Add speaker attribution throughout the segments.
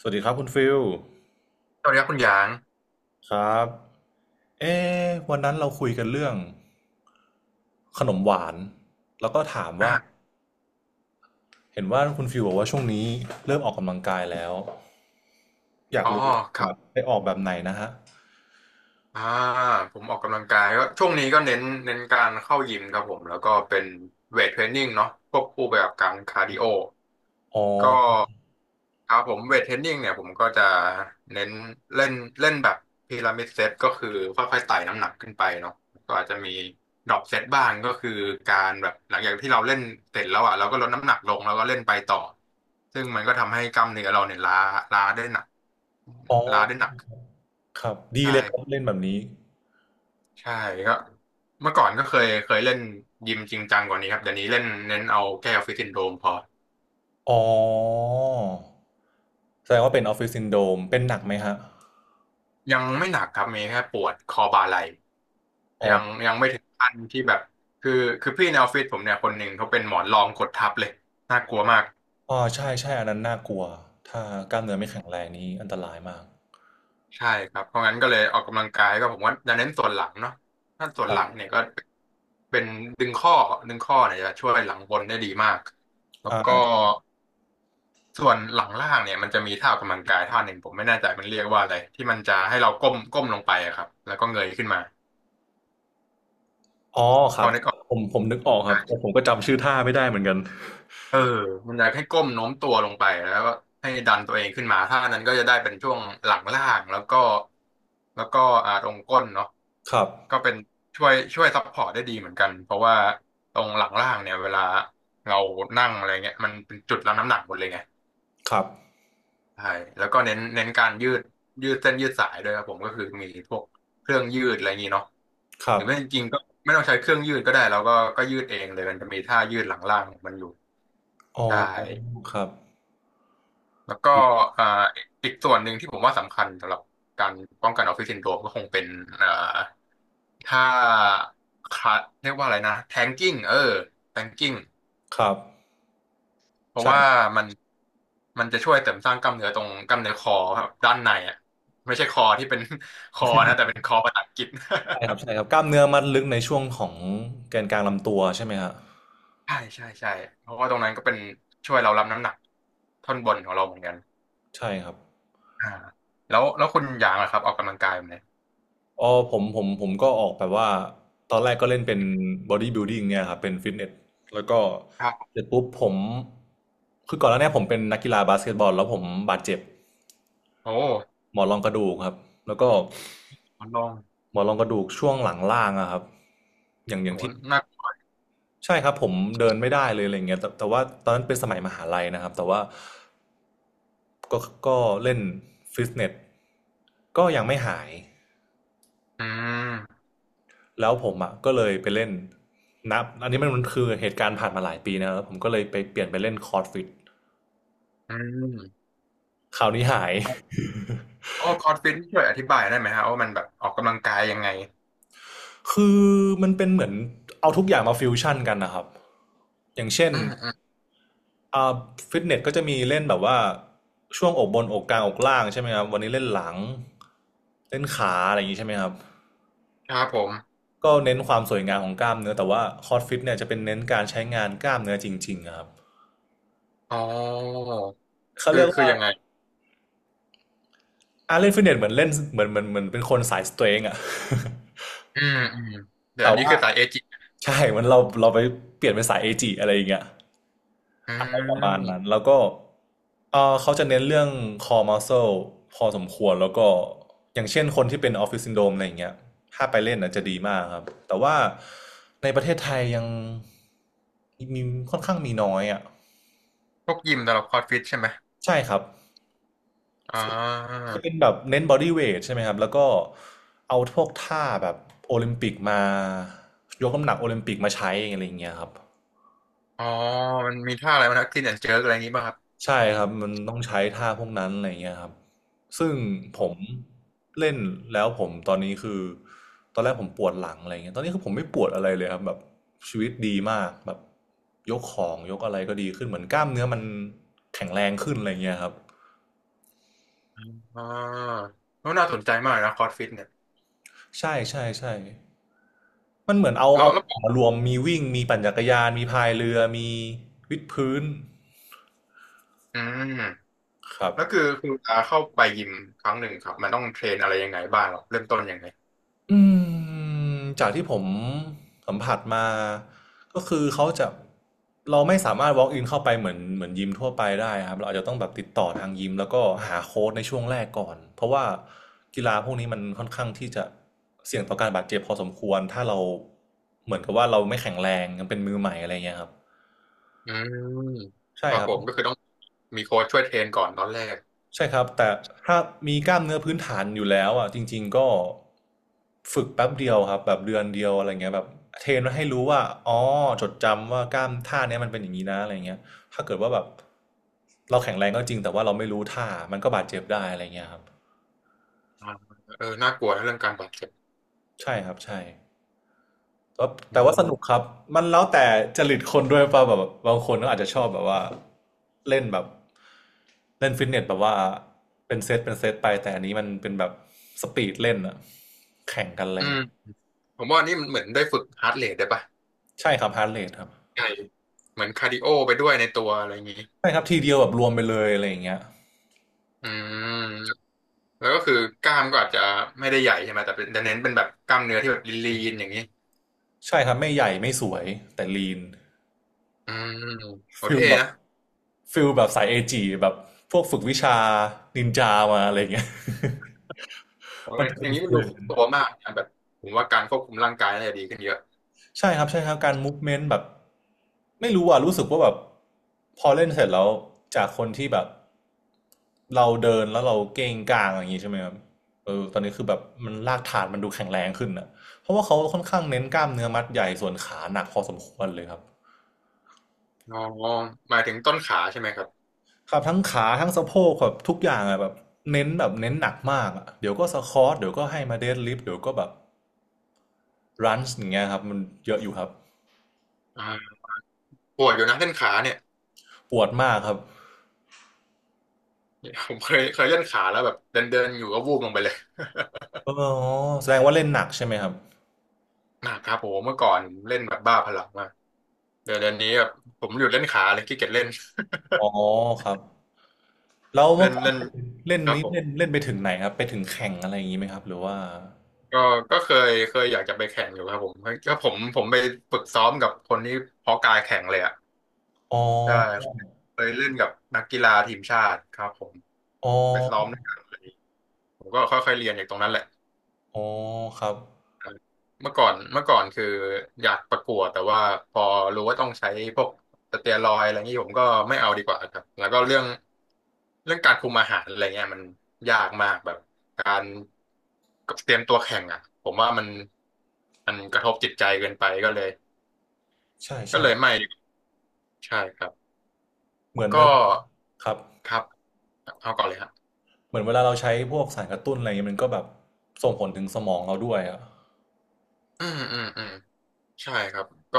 Speaker 1: สวัสดีครับคุณฟิล
Speaker 2: สวัสดีครับคุณหยาง
Speaker 1: ครับเอ๊ะวันนั้นเราคุยกันเรื่องขนมหวานแล้วก็ถามว่า
Speaker 2: อ่า
Speaker 1: เห็นว่าคุณฟิลบอกว่าช่วงนี้เริ่มออกกำลังกายแล้วอยาก
Speaker 2: อ๋อ
Speaker 1: รู้
Speaker 2: ค
Speaker 1: ค
Speaker 2: รั
Speaker 1: รับ
Speaker 2: บ
Speaker 1: ไปออกแบบไหนนะฮะ
Speaker 2: อ่าผมออกกำลังกายก็ช่วงนี้ก็เน้นการเข้ายิมครับผมแล้วก็เป็นเวทเทรนนิ่งเนาะควบคู่ไปกับการคาร์ดิโอ
Speaker 1: อ๋อ
Speaker 2: ก็ครับผมเวทเทรนนิ่งเนี่ยผมก็จะเน้นเล่นเล่นแบบพีระมิดเซตก็คือค่อยๆไต่น้ำหนักขึ้นไปเนาะก็อาจจะมีดรอปเซตบ้างก็คือการแบบหลังจากที่เราเล่นเสร็จแล้วอ่ะเราก็ลดน้ำหนักลงแล้วก็เล่นไปต่อซึ่งมันก็ทำให้กล้ามเนื้อเราเนี่ยล้าได้หนัก
Speaker 1: อ๋อ
Speaker 2: ล้าได้หนัก
Speaker 1: ครับดี
Speaker 2: ใช่
Speaker 1: เลยครับเล่นแบบนี้
Speaker 2: ใช่ก็เมื่อก่อนก็เคยเล่นยิมจริงจังกว่านี้ครับเดี๋ยวนี้เล่นเน้นเอาแก้อฟฟิตซินโดรมพอ
Speaker 1: อ๋อแสดงว่าเป็นออฟฟิศซินโดรมเป็นหนักไหมฮะ
Speaker 2: ยังไม่หนักครับมีแค่ปวดคอบ่าไหล่
Speaker 1: อ๋อ
Speaker 2: ยังไม่ถึงขั้นที่แบบคือคือพี่ในออฟฟิศผมเนี่ยคนหนึ่งเขาเป็นหมอนรองกดทับเลยน่ากลัวมาก
Speaker 1: อ๋อใช่ใช่อันนั้นน่ากลัวถ้ากล้ามเนื้อไม่แข็งแรงนี้อันตรายมาก
Speaker 2: ใช่ครับเพราะงั้นก็เลยออกกำลังกายก็ผมว่าจะเน้นส่วนหลังเนาะถ้าส่ว
Speaker 1: ค
Speaker 2: น
Speaker 1: รั
Speaker 2: หลัง
Speaker 1: บ
Speaker 2: เนี่ยก็เป็นดึงข้อดึงข้อเนี่ยจะช่วยหลังบนได้ดีมากแล้ว
Speaker 1: อ่
Speaker 2: ก็
Speaker 1: า
Speaker 2: ส่วนหลังล่างเนี่ยมันจะมีท่าออกกำลังกายท่าหนึ่งผมไม่แน่ใจมันเรียกว่าอะไรที่มันจะให้เราก้มลงไปอะครับแล้วก็เงยขึ้นมา
Speaker 1: อ๋อค
Speaker 2: พ
Speaker 1: รั
Speaker 2: อ
Speaker 1: บ
Speaker 2: นึกออก
Speaker 1: ผมนึกออกครับแต่ผมก็จำชื่อท่าไม่ได้เหมือนกัน
Speaker 2: เออมันจะให้ก้มโน้มตัวลงไปแล้วก็ให้ดันตัวเองขึ้นมาท่านั้นก็จะได้เป็นช่วงหลังล่างแล้วก็ตรงก้นเนาะ
Speaker 1: ครับ
Speaker 2: ก็เป็นช่วยซัพพอร์ตได้ดีเหมือนกันเพราะว่าตรงหลังล่างเนี่ยเวลาเรานั่งอะไรเงี้ยมันเป็นจุดรับน้ำหนักหมดเลยไง
Speaker 1: ครับ
Speaker 2: ใช่แล้วก็เน้นการยืดยืดเส้นยืดสายด้วยครับผมก็คือมีพวกเครื่องยืดอะไรอย่างนี้เนาะ
Speaker 1: ค
Speaker 2: ห
Speaker 1: รั
Speaker 2: รื
Speaker 1: บ
Speaker 2: อไม่จริงๆก็ไม่ต้องใช้เครื่องยืดก็ได้เราก็ยืดเองเลยมันจะมีท่ายืดหลังล่างของมันอยู่
Speaker 1: อ๋อ
Speaker 2: ใช่
Speaker 1: ครับ
Speaker 2: แล้วก็เอ่าอีกส่วนหนึ่งที่ผมว่าสำคัญสำหรับการป้องกันออฟฟิศซินโดรมก็คงเป็นเอ่าท่าคลาสเรียกว่าอะไรนะแทงกิ้งเออแทงกิ้ง
Speaker 1: ครับ
Speaker 2: เพราะว่า
Speaker 1: ใช่
Speaker 2: มันมันจะช่วยเสริมสร้างกล้ามเนื้อตรงกล้ามเนื้อคอครับด้านในอ่ะไม่ใช่คอที่เป็น คอนะแต่เป็นคอภาษาอังกฤษ
Speaker 1: ใช่ครับใช่ครับกล้ามเนื้อมัดลึกในช่วงของแกนกลางลำตัวใช่ไหมครับ
Speaker 2: ใช่ใช่ใช่เพราะว่าตรงนั้นก็เป็นช่วยเรารับน้ำหนักท่อนบนของเราเหมือนกัน
Speaker 1: ใช่ครับ
Speaker 2: อ่าแล้วคุณหยางล่ะครับออกกำลังกายแบบไหน
Speaker 1: อ๋อผมก็ออกแบบว่าตอนแรกก็เล่นเป็น Body Building เนี่ยครับเป็นฟิตเนสแล้วก็
Speaker 2: ครับ
Speaker 1: เสร็จปุ๊บผมคือก่อนหน้าเนี้ผมเป็นนักกีฬาบาสเกตบอลแล้วผมบาดเจ็บ
Speaker 2: โอ้
Speaker 1: หมอนรองกระดูกครับแล้วก็
Speaker 2: ลอลอง
Speaker 1: หมอนรองกระดูกช่วงหลังล่างอะครับอย่างอ
Speaker 2: โห
Speaker 1: ย่างที่
Speaker 2: นัก
Speaker 1: ใช่ครับผมเดินไม่ได้เลยอะไรเงี้ยแต่แต่ว่าตอนนั้นเป็นสมัยมหาลัยนะครับแต่ว่าก็ก็เล่นฟิตเนสก็ยังไม่หาย
Speaker 2: อืม
Speaker 1: แล้วผมอะก็เลยไปเล่นนับอันนี้มันคือเหตุการณ์ผ่านมาหลายปีนะแล้วผมก็เลยไปเปลี่ยนไปเล่นคอร์ดฟิต
Speaker 2: อืม
Speaker 1: คราวนี้หาย
Speaker 2: ครับโอ้คอร์สฟิตช่วยอธิบายได้ไหมฮะว่ามันแบบออกกำลังกายยังไง
Speaker 1: คือมันเป็นเหมือนเอาทุกอย่างมาฟิวชั่นกันนะครับอย่างเช่น
Speaker 2: อืมอืม
Speaker 1: อ่าฟิตเนสก็จะมีเล่นแบบว่าช่วงอกบนอกกลางอกล่างใช่ไหมครับวันนี้เล่นหลังเล่นขาอะไรอย่างนี้ใช่ไหมครับ
Speaker 2: ครับผม
Speaker 1: ก็เน้นความสวยงามของกล้ามเนื้อแต่ว่าคอร์สฟิตเนี่ยจะเป็นเน้นการใช้งานกล้ามเนื้อจริงๆอะครับ
Speaker 2: อ๋อ
Speaker 1: เขา
Speaker 2: คื
Speaker 1: เรี
Speaker 2: อ
Speaker 1: ยก
Speaker 2: คือ
Speaker 1: ว่า
Speaker 2: ยังไง
Speaker 1: อาเล่นฟิตเนสเหมือนเล่นเหมือนเหมือนเหมือนเป็นคนสายสเตรงอะ
Speaker 2: อืมอืม เดี๋ยว
Speaker 1: แต่
Speaker 2: อันนี้
Speaker 1: ว่า
Speaker 2: คือสายเอจิ
Speaker 1: ใช่มันเราไปเปลี่ยนเป็นสายเอจิอะไรอย่างเงี้ย
Speaker 2: อื
Speaker 1: อะไรประมาณนั้น
Speaker 2: ม
Speaker 1: แล้วก็เขาจะเน้นเรื่อง core muscle พอสมควรแล้วก็อย่างเช่นคนที่เป็นออฟฟิศซินโดรมอะไรอย่างเงี้ยถ้าไปเล่นน่ะจะดีมากครับ แต่ว่าในประเทศไทยยังมีค่อนข้างมีน้อยอ่ะ
Speaker 2: พวกยิมสำหรับคอร์สฟิตใช่ไหม
Speaker 1: ใช่ครับ
Speaker 2: อ่า
Speaker 1: จะเป็นแบบเน้นบอดี้เวทใช่ไหมครับแล้วก็เอาพวกท่าแบบโอลิมปิกมายกน้ำหนักโอลิมปิกมาใช้อะไรอย่างเงี้ยครับ
Speaker 2: อ๋อมันมีท่าอะไรบ้างนะคลีนแอนด์เจิร์กอะไรอย่างนี้ป่ะครับ
Speaker 1: ใช่ครับมันต้องใช้ท่าพวกนั้นอะไรเงี้ยครับซึ่งผ
Speaker 2: อ๋อ
Speaker 1: มเล่นแล้วผมตอนนี้คือตอนแรกผมปวดหลังอะไรเงี้ยตอนนี้คือผมไม่ปวดอะไรเลยครับแบบชีวิตดีมากแบบยกของยกอะไรก็ดีขึ้นเหมือนกล้ามเนื้อมันแข็งแรงขึ้นอะไรเงี้ยครับ
Speaker 2: อ่าแล้วน่าสนใจมากนะคอร์สฟิตเนี่ย
Speaker 1: ใช่ใช่ใช่มันเหมือนเอา
Speaker 2: แล้
Speaker 1: เอา
Speaker 2: วแล้ว
Speaker 1: มารวมมีวิ่งมีปั่นจักรยานมีพายเรือมีวิดพื้น
Speaker 2: อืม
Speaker 1: ครับ
Speaker 2: แล้วคือเวลาเข้าไปยิมครั้งหนึ่งครับมันต้องเทรนอะไรยังไงบ้างหรอเริ่มต้นยังไง
Speaker 1: อืจากที่ผมสัมผัสมาก็คือเขาจะเราไม่สามารถ walk in เข้าไปเหมือนยิมทั่วไปได้ครับเราอาจจะต้องแบบติดต่อทางยิมแล้วก็หาโค้ชในช่วงแรกก่อนเพราะว่ากีฬาพวกนี้มันค่อนข้างที่จะเสี่ยงต่อการบาดเจ็บพอสมควรถ้าเราเหมือนกับว่าเราไม่แข็งแรงยังเป็นมือใหม่อะไรเงี้ยครับ
Speaker 2: อืมค
Speaker 1: ใช่
Speaker 2: รับ
Speaker 1: ครับ
Speaker 2: ผมก็คือต้องมีโค้ชช่วยเทรนก่อนตอนแรก
Speaker 1: ใช่ครับแต่ถ้ามีกล้ามเนื้อพื้นฐานอยู่แล้วอ่ะจริงๆก็ฝึกแป๊บเดียวครับแบบเดือนเดียวอะไรเงี้ยแบบเทรนมาให้รู้ว่าอ๋อจดจำว่ากล้ามท่าเนี้ยมันเป็นอย่างนี้นะอะไรเงี้ยถ้าเกิดว่าแบบเราแข็งแรงก็จริงแต่ว่าเราไม่รู้ท่ามันก็บาดเจ็บได้อะไรเงี้ยครับ
Speaker 2: อ่าเออน่ากลัวนะเรื่องการบาดเจ็บ
Speaker 1: ใช่ครับใช่ ก็
Speaker 2: อื
Speaker 1: แต่ว่าสนุ
Speaker 2: ม
Speaker 1: กครับมันแล้วแต่จริตคนด้วยป่ะแบบบางคนก็อาจจะชอบแบบว่าเล่นแบบเล่นฟิตเนสแบบว่าเป็นเซตเป็นเซตไปแต่อันนี้มันเป็นแบบสปีดเล่นอะแข่งกันเล
Speaker 2: อื
Speaker 1: ย
Speaker 2: มผมว่านี่มันเหมือนได้ฝึกฮาร์ดเรทได้ปะ
Speaker 1: ใช่ครับฮาร์ดเรทครับ
Speaker 2: ใช่เหมือนคาร์ดิโอไปด้วยในตัวอะไรอย่างนี้
Speaker 1: ใช่ครับทีเดียวแบบรวมไปเลยอะไรอย่างเงี้ย
Speaker 2: อืมแล้วก็คือกล้ามก็อาจจะไม่ได้ใหญ่ใช่ไหมแต่เป็นแต่เน้นเป็นแบบกล้ามเนื้อที่แบบลีนๆอย่างนี้
Speaker 1: ใช่ครับไม่ใหญ่ไม่สวยแต่ลีน
Speaker 2: อืมโห
Speaker 1: ฟิล
Speaker 2: เท่
Speaker 1: แบบ
Speaker 2: นะ
Speaker 1: ฟิลแบบสายเอจีแบบพวกฝึกวิชานินจามาอะไรอย่างเงี้ย
Speaker 2: โอ้
Speaker 1: มั
Speaker 2: ย
Speaker 1: นจะ
Speaker 2: อ
Speaker 1: เป็น
Speaker 2: ย่างนี้
Speaker 1: ฟิ
Speaker 2: มั
Speaker 1: ล
Speaker 2: นดู
Speaker 1: อย่าง
Speaker 2: ครบ
Speaker 1: นั้น
Speaker 2: ตัวมากนะแบบผมว่าการควบคุมร่างกายน่าจะดีขึ้นเยอะ
Speaker 1: ใช่ครับใช่ครับการ movement แบบไม่รู้อ่ะรู้สึกว่าแบบพอเล่นเสร็จแล้วจากคนที่แบบเราเดินแล้วเราเกรงกลางอย่างนี้ใช่ไหมครับเออตอนนี้คือแบบมันลากฐานมันดูแข็งแรงขึ้นนะเพราะว่าเขาค่อนข้างเน้นกล้ามเนื้อมัดใหญ่ส่วนขาหนักพอสมควรเลยครับ
Speaker 2: อ๋อหมายถึงต้นขาใช่ไหมครับ
Speaker 1: ครับทั้งขาทั้งสะโพกแบบทุกอย่างอะแบบเน้นหนักมากอะเดี๋ยวก็สควอทเดี๋ยวก็ให้มาเดดลิฟต์เดี๋ยวก็แบบรันช์อย่างเงี้ยครับมันเยอะอยู่ครับ
Speaker 2: อ่าปวดอยู่นะเส้นขาเนี่ย
Speaker 1: ปวดมากครับ
Speaker 2: ผมเคยเล่นขาแล้วแบบเดินเดินอยู่ก็วูบลงไปเลย
Speaker 1: อ๋อแสดงว่าเล่นหนักใช่ไหมครับ
Speaker 2: หนักครับผมเมื่อก่อนเล่นแบบบ้าพลังมากเดี๋ยวนี้แบบผมหยุดเล่นขาเลยขี้เกียจเล่น
Speaker 1: อ๋อครับแล้วเมื่
Speaker 2: เล่
Speaker 1: อ
Speaker 2: น
Speaker 1: ก่อน
Speaker 2: เล่น
Speaker 1: เล่น
Speaker 2: ครับ
Speaker 1: นี้
Speaker 2: ผม
Speaker 1: เล่นเล่นไปถึงไหนครับไปถึงแข่งอะไรอย่างนี้ไหมครับหรือว่า
Speaker 2: ก็ก็เคยอยากจะไปแข่งอยู่ครับผมก็ผมไปฝึกซ้อมกับคนที่เพาะกายแข่งเลยอ่ะ
Speaker 1: อ๋อ
Speaker 2: ใช่เคยเล่นกับนักกีฬาทีมชาติครับผม
Speaker 1: อ๋อ
Speaker 2: ไปซ้อมด้วยกันเลยผมก็ค่อยๆเรียนจากตรงนั้นแหละ
Speaker 1: อ๋อครับ
Speaker 2: เมื่อก่อนคืออยากประกวดแต่ว่าพอรู้ว่าต้องใช้พวกสเตียรอยด์อะไรงนี้ผมก็ไม่เอาดีกว่าครับแล้วก็เรื่องการคุมอาหารอะไรเงี้ยมันยากมากแบบการเตรียมตัวแข่งอ่ะผมว่ามันกระทบจิตใจเกินไปก็เลย
Speaker 1: ใช่ใช่
Speaker 2: ไม่ดีกว่าใช่ครับ
Speaker 1: เหมือนเว
Speaker 2: ก็
Speaker 1: ลาครับ
Speaker 2: ครับเอาก่อนเลยครับ
Speaker 1: เหมือนเวลาเราใช้พวกสารกระตุ้นอะไรอย่างนี้มันก็แบบส่งผลถึงสมองเราด้วยอะ
Speaker 2: อืมอืมอืม ใช่ครับก็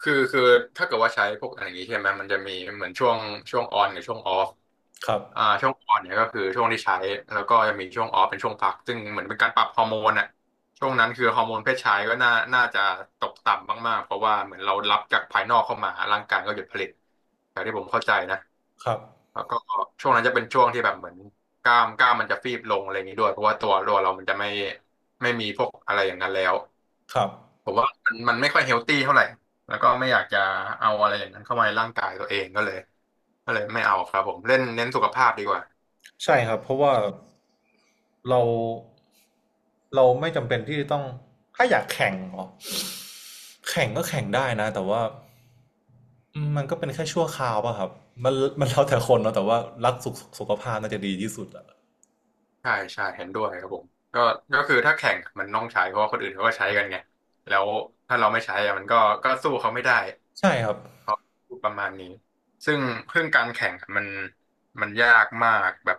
Speaker 2: คือถ้าเกิดว่าใช้พวกอะไรอย่างนี้ใช่ไหมมันจะมีเหมือนช่วงออนกับช่วงออฟ
Speaker 1: ครับ
Speaker 2: ช่วงออนเนี่ยก็คือช่วงที่ใช้แล้วก็จะมีช่วงออฟเป็นช่วงพักซึ่งเหมือนเป็นการปรับฮอร์โมนอ่ะช่วงนั้นคือฮอร์โมนเพศชายก็น่าจะตกต่ำมากๆเพราะว่าเหมือนเรารับจากภายนอกเข้ามาร่างกายก็หยุดผลิตจากที่ผมเข้าใจนะ
Speaker 1: ครับ
Speaker 2: แล้วก็ช่วงนั้นจะเป็นช่วงที่แบบเหมือนกล้ามกล้ามมันจะฟีบลงอะไรอย่างนี้ด้วยเพราะว่าตัวเรามันจะไม่มีพวกอะไรอย่างนั้นแล้ว
Speaker 1: ครับ
Speaker 2: ผมว่ามันไม่ค่อยเฮลตี้เท่าไหร่แล้วก็ไม่อยากจะเอาอะไรอย่างนั้นเข้ามาในร่างกายตัวเองก็เลยไม่เอาครับผมเล่นเน้นสุขภาพดีกว่า
Speaker 1: ใช่ครับเพราะว่าเราเราไม่จำเป็นที่จะต้องถ้าอยากแข่งเหรอแข่งก็แข่งได้นะแต่ว่า อืมมันก็เป็นแค่ชั่วคราวป่ะครับ มันมันแล้วแต่คนเนาะแต่ว่ารักสุขภาพน่าจะดีที่สุดอะ
Speaker 2: ใช่ใช่เห็นด้วยครับผมก็ก็คือถ้าแข่งมันต้องใช้เพราะว่าคนอื่นเขาก็ใช้กันไงแล้วถ้าเราไม่ใช้อะมันก็สู้เขาไม่ได้
Speaker 1: ใช่ครับ
Speaker 2: เพราะประมาณนี้ซึ่งเรื่องการแข่งอะมันยากมากแบบ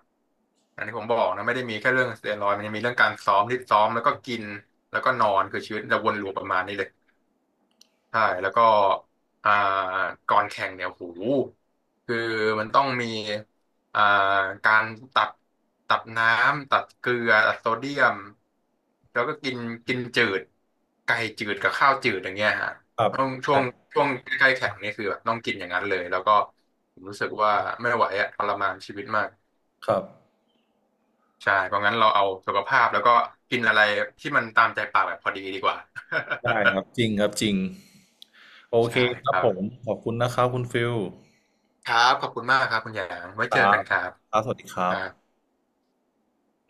Speaker 2: อันนี้ผมบอกนะไม่ได้มีแค่เรื่องสเตียรอยด์มันยังมีเรื่องการซ้อมที่ซ้อมแล้วก็กินแล้วก็นอนคือชีวิตจะวนลูปประมาณนี้เลย ใช่แล้วก็อ่าก่อนแข่งเนี่ยโหคือมันต้องมีอ่าการตัดตัดน้ำตัดเกลือตัดโซเดียมแล้วก็กินกินจืดไก่จืดกับข้าวจืดอย่างเงี้ยฮะ
Speaker 1: ครับ
Speaker 2: ต้อง
Speaker 1: ใช่
Speaker 2: ช่วงใกล้ๆแข่งนี่คือแบบต้องกินอย่างนั้นเลยแล้วก็ผมรู้สึกว่าไม่ไหวอะทรมานชีวิตมาก
Speaker 1: ครับ
Speaker 2: ใช่เพราะงั้นเราเอาสุขภาพแล้วก็กินอะไรที่มันตามใจปากแบบพอดีดีกว่า
Speaker 1: ได้ครับจริงครับจริงโอ เค
Speaker 2: ใช่
Speaker 1: ค
Speaker 2: ค
Speaker 1: รับ
Speaker 2: รั
Speaker 1: ผม
Speaker 2: บ
Speaker 1: ขอบคุณนะครับคุณฟิล
Speaker 2: ครับขอบคุณมากครับคุณหยางไว้
Speaker 1: ค
Speaker 2: เจอ
Speaker 1: รั
Speaker 2: กั
Speaker 1: บ
Speaker 2: นครับ
Speaker 1: ครับสวัสดีครั
Speaker 2: ค
Speaker 1: บ
Speaker 2: รับ